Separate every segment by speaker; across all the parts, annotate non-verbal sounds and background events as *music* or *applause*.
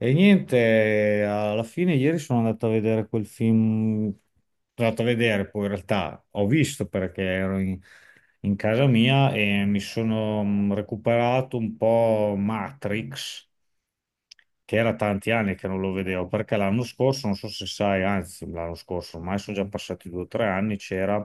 Speaker 1: E niente, alla fine ieri sono andato a vedere quel film, sono andato a vedere, poi in realtà ho visto perché ero in casa mia e mi sono recuperato un po' Matrix, che era tanti anni che non lo vedevo, perché l'anno scorso, non so se sai, anzi l'anno scorso, ormai sono già passati due o tre anni, c'era,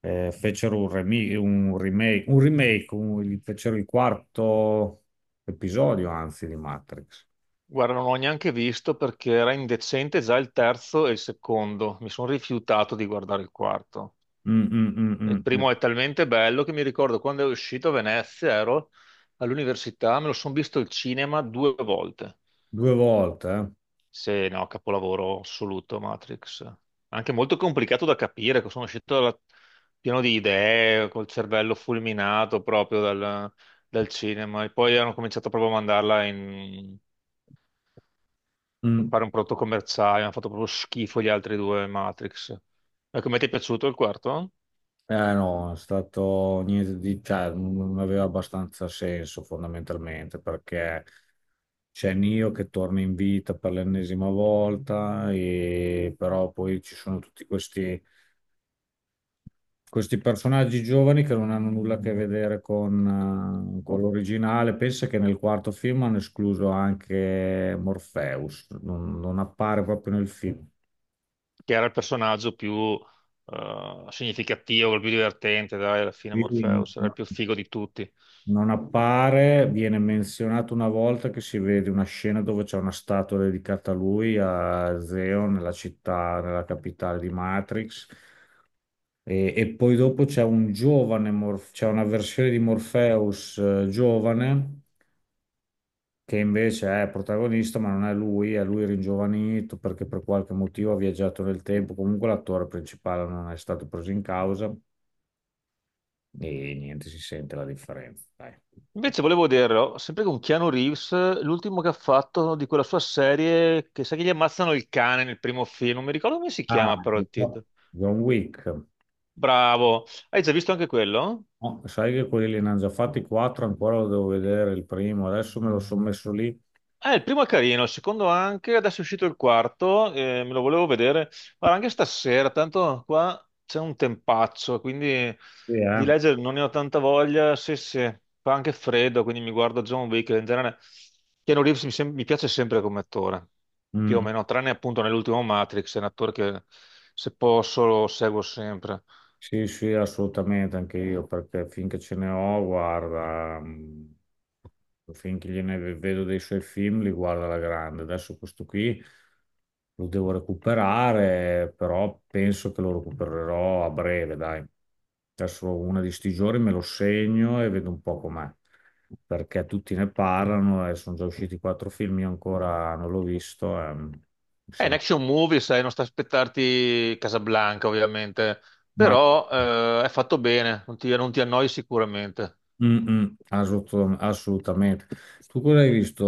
Speaker 1: fecero un remake, fecero il quarto episodio, anzi, di Matrix.
Speaker 2: Guarda, non ho neanche visto perché era indecente già il terzo e il secondo. Mi sono rifiutato di guardare il quarto.
Speaker 1: Mm, mm,
Speaker 2: Il
Speaker 1: mm, mm.
Speaker 2: primo è talmente bello che mi ricordo quando è uscito a Venezia, ero all'università, me lo sono visto al cinema due volte.
Speaker 1: Due volte, eh?
Speaker 2: Se no, capolavoro assoluto Matrix. Anche molto complicato da capire, che sono uscito pieno di idee, col cervello fulminato proprio dal cinema. E poi hanno cominciato proprio a mandarla in
Speaker 1: Mm.
Speaker 2: fare un prodotto commerciale, hanno fatto proprio schifo gli altri due Matrix. E come ti è piaciuto il quarto?
Speaker 1: No, è stato niente di, cioè, non aveva abbastanza senso fondamentalmente perché c'è Neo che torna in vita per l'ennesima volta, e, però poi ci sono tutti questi, questi personaggi giovani che non hanno nulla a che vedere con l'originale. Pensa che nel quarto film hanno escluso anche Morpheus, non, non appare proprio nel film.
Speaker 2: Che era il personaggio più significativo, il più divertente, dai, alla fine
Speaker 1: Sì, no,
Speaker 2: Morpheus, era il
Speaker 1: no.
Speaker 2: più figo di tutti.
Speaker 1: Non appare, viene menzionato una volta che si vede una scena dove c'è una statua dedicata a lui, a Zeo, nella città, nella capitale di Matrix. E poi dopo c'è un giovane, c'è una versione di Morpheus giovane, che invece è protagonista, ma non è lui, è lui ringiovanito perché per qualche motivo ha viaggiato nel tempo. Comunque l'attore principale non è stato preso in causa e niente, si sente la differenza. Dai.
Speaker 2: Invece volevo dirlo, sempre con Keanu Reeves, l'ultimo che ha fatto di quella sua serie, che sa che gli ammazzano il cane nel primo film, non mi ricordo come si
Speaker 1: Ah,
Speaker 2: chiama però il
Speaker 1: no,
Speaker 2: titolo.
Speaker 1: John Wick.
Speaker 2: Bravo, hai già visto anche quello?
Speaker 1: No, sai che quelli li hanno già fatti quattro, ancora lo devo vedere il primo. Adesso me lo sono messo lì.
Speaker 2: Il primo è carino, il secondo anche, adesso è uscito il quarto, me lo volevo vedere, guarda anche stasera, tanto qua c'è un tempaccio, quindi
Speaker 1: Sì,
Speaker 2: di
Speaker 1: eh.
Speaker 2: leggere non ne ho tanta voglia, sì sì, fa anche freddo, quindi mi guardo John Wick. In genere Keanu Reeves mi piace sempre come attore, più o
Speaker 1: Mm.
Speaker 2: meno, tranne appunto nell'ultimo Matrix. È un attore che se posso lo seguo sempre.
Speaker 1: Sì, sì, assolutamente, anche io, perché finché ce ne ho, guarda, finché vedo dei suoi film, li guarda alla grande. Adesso questo qui lo devo recuperare, però penso che lo recupererò a breve, dai. Adesso una di sti giorni me lo segno e vedo un po' com'è, perché tutti ne parlano e sono già usciti quattro film, io ancora non l'ho visto. E, mi
Speaker 2: È un
Speaker 1: sembra-
Speaker 2: action movie, sai, non sta a aspettarti Casablanca, ovviamente,
Speaker 1: Ma...
Speaker 2: però è fatto bene, non ti annoi sicuramente.
Speaker 1: Mm, mm, assolutamente. Tu cosa hai visto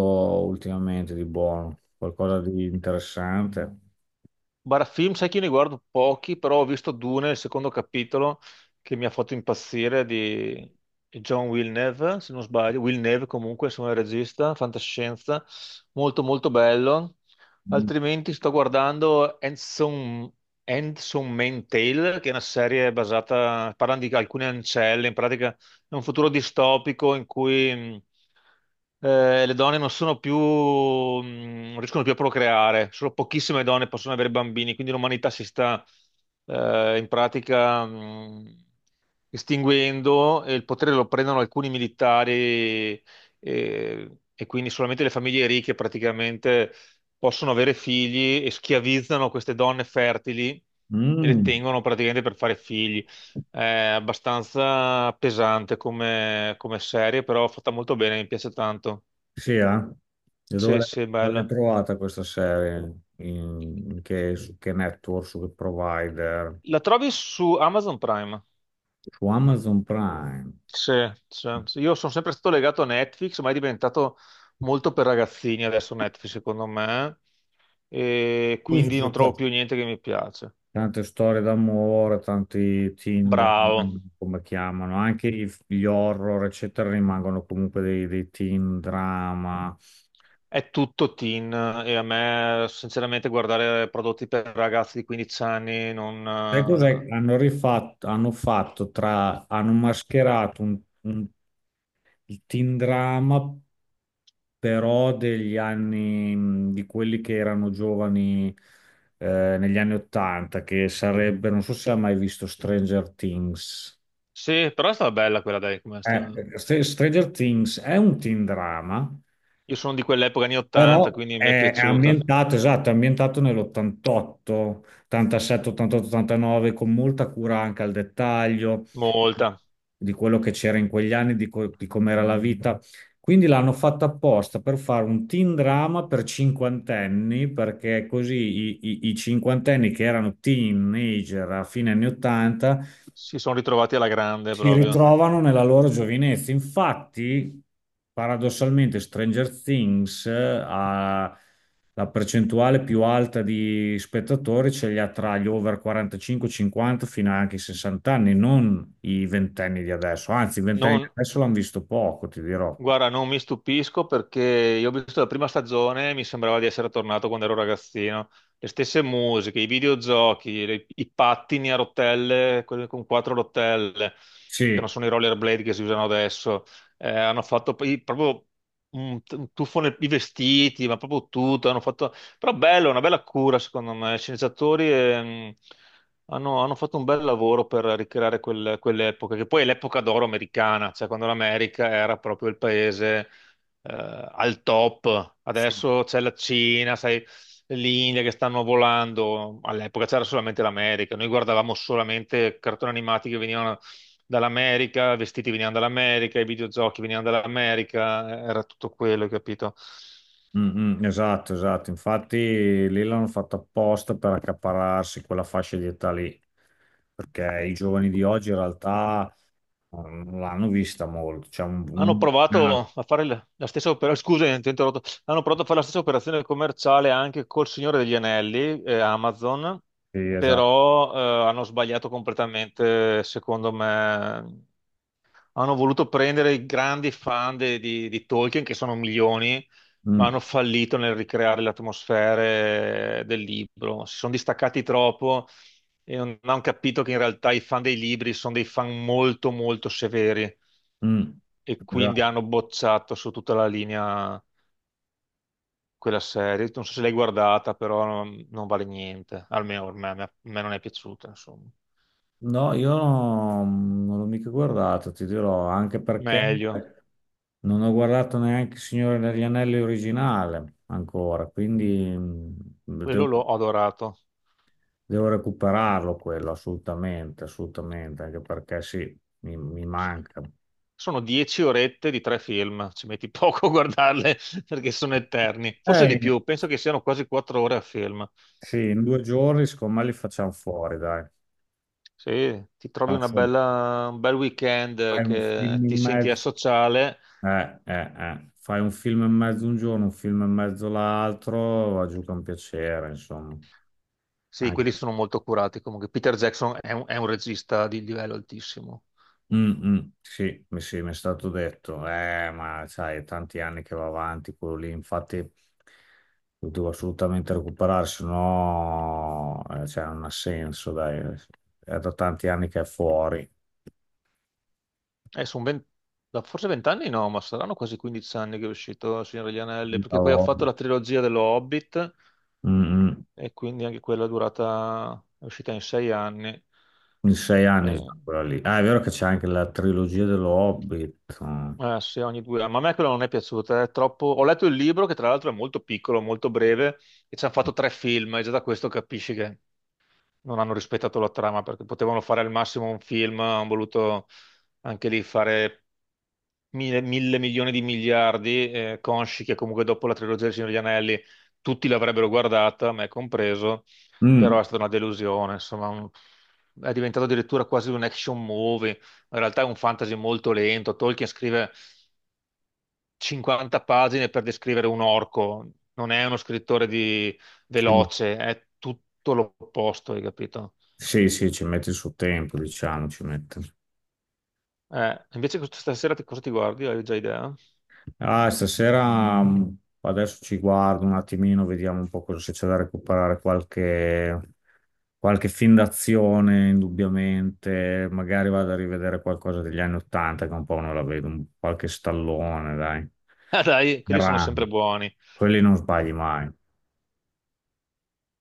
Speaker 1: ultimamente di buono? Qualcosa di interessante?
Speaker 2: Bara film, sai che io ne guardo pochi, però ho visto Dune, il secondo capitolo, che mi ha fatto impazzire di John Villeneuve, se non sbaglio. Villeneuve comunque, insomma, è il regista, fantascienza, molto molto bello.
Speaker 1: Mm,
Speaker 2: Altrimenti sto guardando Handsome Tale, che è una serie basata, parlano di alcune ancelle, in pratica è un futuro distopico in cui le donne non sono più, non riescono più a procreare, solo pochissime donne possono avere bambini, quindi l'umanità si sta in pratica estinguendo e il potere lo prendono alcuni militari e quindi solamente le famiglie ricche praticamente possono avere figli e schiavizzano queste donne fertili e le
Speaker 1: mm,
Speaker 2: tengono praticamente per fare figli. È abbastanza pesante come serie, però fatta molto bene, mi piace tanto.
Speaker 1: sì, eh? E
Speaker 2: Sì, sì, è
Speaker 1: dove l'hai
Speaker 2: bella.
Speaker 1: trovata questa serie? Su che network, su che provider?
Speaker 2: La trovi su Amazon Prime?
Speaker 1: Su Amazon Prime.
Speaker 2: Sì, sì, sì. Io sono sempre stato legato a Netflix, ma è diventato molto per ragazzini adesso Netflix, secondo me, e
Speaker 1: Sì, sì,
Speaker 2: quindi
Speaker 1: sì,
Speaker 2: non trovo
Speaker 1: certo.
Speaker 2: più niente che mi piace.
Speaker 1: Tante storie d'amore, tanti Tinder,
Speaker 2: Bravo,
Speaker 1: come chiamano, anche gli horror, eccetera, rimangono comunque dei teen drama.
Speaker 2: è tutto teen e a me sinceramente guardare prodotti per ragazzi di 15 anni non.
Speaker 1: Sai cos'è? Hanno rifatto, hanno fatto tra, hanno mascherato un il teen drama, però degli anni, di quelli che erano giovani negli anni Ottanta, che sarebbe, non so se ha mai visto Stranger Things.
Speaker 2: Sì, però è stata bella quella, dai, come sta.
Speaker 1: Stranger Things è un teen drama,
Speaker 2: Io sono di quell'epoca anni 80,
Speaker 1: però
Speaker 2: quindi mi è
Speaker 1: è
Speaker 2: piaciuta
Speaker 1: ambientato, esatto, è ambientato nell'88, 87, 88, 89, con molta cura anche al dettaglio
Speaker 2: molta.
Speaker 1: di quello che c'era in quegli anni, di, di com'era la vita. Quindi l'hanno fatta apposta per fare un teen drama per cinquantenni, perché così i cinquantenni che erano teenager a fine anni 80
Speaker 2: Si sono ritrovati alla grande
Speaker 1: si
Speaker 2: proprio.
Speaker 1: ritrovano nella loro giovinezza. Infatti, paradossalmente, Stranger Things ha la percentuale più alta di spettatori, ce li ha tra gli over 45, 50 fino anche ai 60 anni, non i ventenni di adesso. Anzi, i ventenni di
Speaker 2: Non,
Speaker 1: adesso l'hanno visto poco, ti dirò.
Speaker 2: guarda, non mi stupisco perché io ho visto la prima stagione e mi sembrava di essere tornato quando ero ragazzino. Le stesse musiche, i videogiochi, i pattini a rotelle, quelli con quattro rotelle, che non
Speaker 1: Sì,
Speaker 2: sono i rollerblade che si usano adesso. Hanno fatto poi proprio un tuffo nei i vestiti, ma proprio tutto. Hanno fatto. Però bello, una bella cura secondo me. I sceneggiatori hanno fatto un bel lavoro per ricreare quell'epoca, che poi è l'epoca d'oro americana, cioè quando l'America era proprio il paese al top.
Speaker 1: sì.
Speaker 2: Adesso c'è la Cina, sai, l'India che stanno volando. All'epoca c'era solamente l'America, noi guardavamo solamente cartoni animati che venivano dall'America, vestiti venivano dall'America, i videogiochi venivano dall'America, era tutto quello, capito?
Speaker 1: Mm, mm, esatto, esatto. Infatti lì l'hanno fatto apposta per accaparrarsi quella fascia di età lì, perché i giovani di oggi in realtà non l'hanno vista molto, c'è
Speaker 2: Hanno
Speaker 1: ah,
Speaker 2: provato a fare la stessa operazione, scusa, ti ho interrotto. Hanno provato a fare la stessa operazione commerciale anche col Signore degli Anelli, Amazon,
Speaker 1: sì, esatto.
Speaker 2: però hanno sbagliato completamente, secondo me. Hanno voluto prendere i grandi fan di Tolkien, che sono milioni, ma
Speaker 1: Mm,
Speaker 2: hanno fallito nel ricreare le atmosfere del libro. Si sono distaccati troppo e non hanno capito che in realtà i fan dei libri sono dei fan molto, molto severi
Speaker 1: mm,
Speaker 2: e quindi
Speaker 1: esatto.
Speaker 2: hanno bocciato su tutta la linea quella serie. Non so se l'hai guardata, però non vale niente. Almeno per me, a me non è piaciuta, insomma.
Speaker 1: No, io no, non l'ho mica guardata, ti dirò, anche perché
Speaker 2: Meglio,
Speaker 1: non ho guardato neanche il Signore degli Anelli originale ancora, quindi mm, devo,
Speaker 2: quello l'ho adorato.
Speaker 1: devo recuperarlo quello assolutamente, assolutamente, anche perché sì, mi manca.
Speaker 2: Sono 10 orette di tre film, ci metti *laughs* poco a guardarle *laughs* perché sono eterni. Forse di
Speaker 1: Eh,
Speaker 2: più, penso che siano quasi 4 ore a film.
Speaker 1: sì, in due giorni secondo me li facciamo fuori, dai.
Speaker 2: Se ti trovi
Speaker 1: Faccio
Speaker 2: un bel weekend
Speaker 1: fai un
Speaker 2: che
Speaker 1: film
Speaker 2: ti
Speaker 1: in
Speaker 2: senti
Speaker 1: mezzo.
Speaker 2: asociale,
Speaker 1: Eh. Fai un film e mezzo un giorno, un film e mezzo l'altro, va giù che è un piacere, insomma.
Speaker 2: sì,
Speaker 1: Anche-
Speaker 2: quelli sono molto curati. Comunque Peter Jackson è un regista di livello altissimo.
Speaker 1: Mm, mm, sì, sì, mi è stato detto, ma sai, è tanti anni che va avanti quello lì, infatti lo devo assolutamente recuperare, se no cioè, non ha senso, dai, è da tanti anni che è fuori.
Speaker 2: Eh, sono ben- forse vent'anni no, ma saranno quasi 15 anni che è uscito Il Signore degli Anelli, perché poi ha
Speaker 1: Cavolo.
Speaker 2: fatto la trilogia dello Hobbit
Speaker 1: Mm, mm,
Speaker 2: e quindi anche quella è durata, è uscita in 6 anni.
Speaker 1: in sei anni
Speaker 2: Eh,
Speaker 1: già quella lì. Ah, è vero che c'è anche la trilogia dello Hobbit.
Speaker 2: eh, sì, ogni 2 anni. Ma a me quella non è piaciuta, è troppo. Ho letto il libro che tra l'altro è molto piccolo, molto breve, e ci hanno fatto tre film, e già da questo capisci che non hanno rispettato la trama, perché potevano fare al massimo un film, hanno voluto anche lì fare mille, mille milioni di miliardi, consci che comunque dopo la trilogia del Signore degli Anelli tutti l'avrebbero guardata, me compreso,
Speaker 1: Mm,
Speaker 2: però è stata una delusione, insomma, è diventato addirittura quasi un action movie, in realtà è un fantasy molto lento, Tolkien scrive 50 pagine per descrivere un orco, non è uno scrittore di
Speaker 1: sì.
Speaker 2: veloce, è tutto l'opposto, hai capito?
Speaker 1: Sì, sì, ci mette il suo tempo, diciamo, ci mette.
Speaker 2: Invece questa sera cosa ti guardi? Hai già idea? *laughs*
Speaker 1: Ah, stasera adesso ci guardo un attimino, vediamo un po' cosa se c'è da recuperare, qualche, qualche film d'azione, indubbiamente. Magari vado a rivedere qualcosa degli anni Ottanta, che un po' non la vedo, un- qualche stallone, dai.
Speaker 2: Ah, dai, quelli sono sempre
Speaker 1: Erano.
Speaker 2: buoni.
Speaker 1: Quelli non sbagli mai.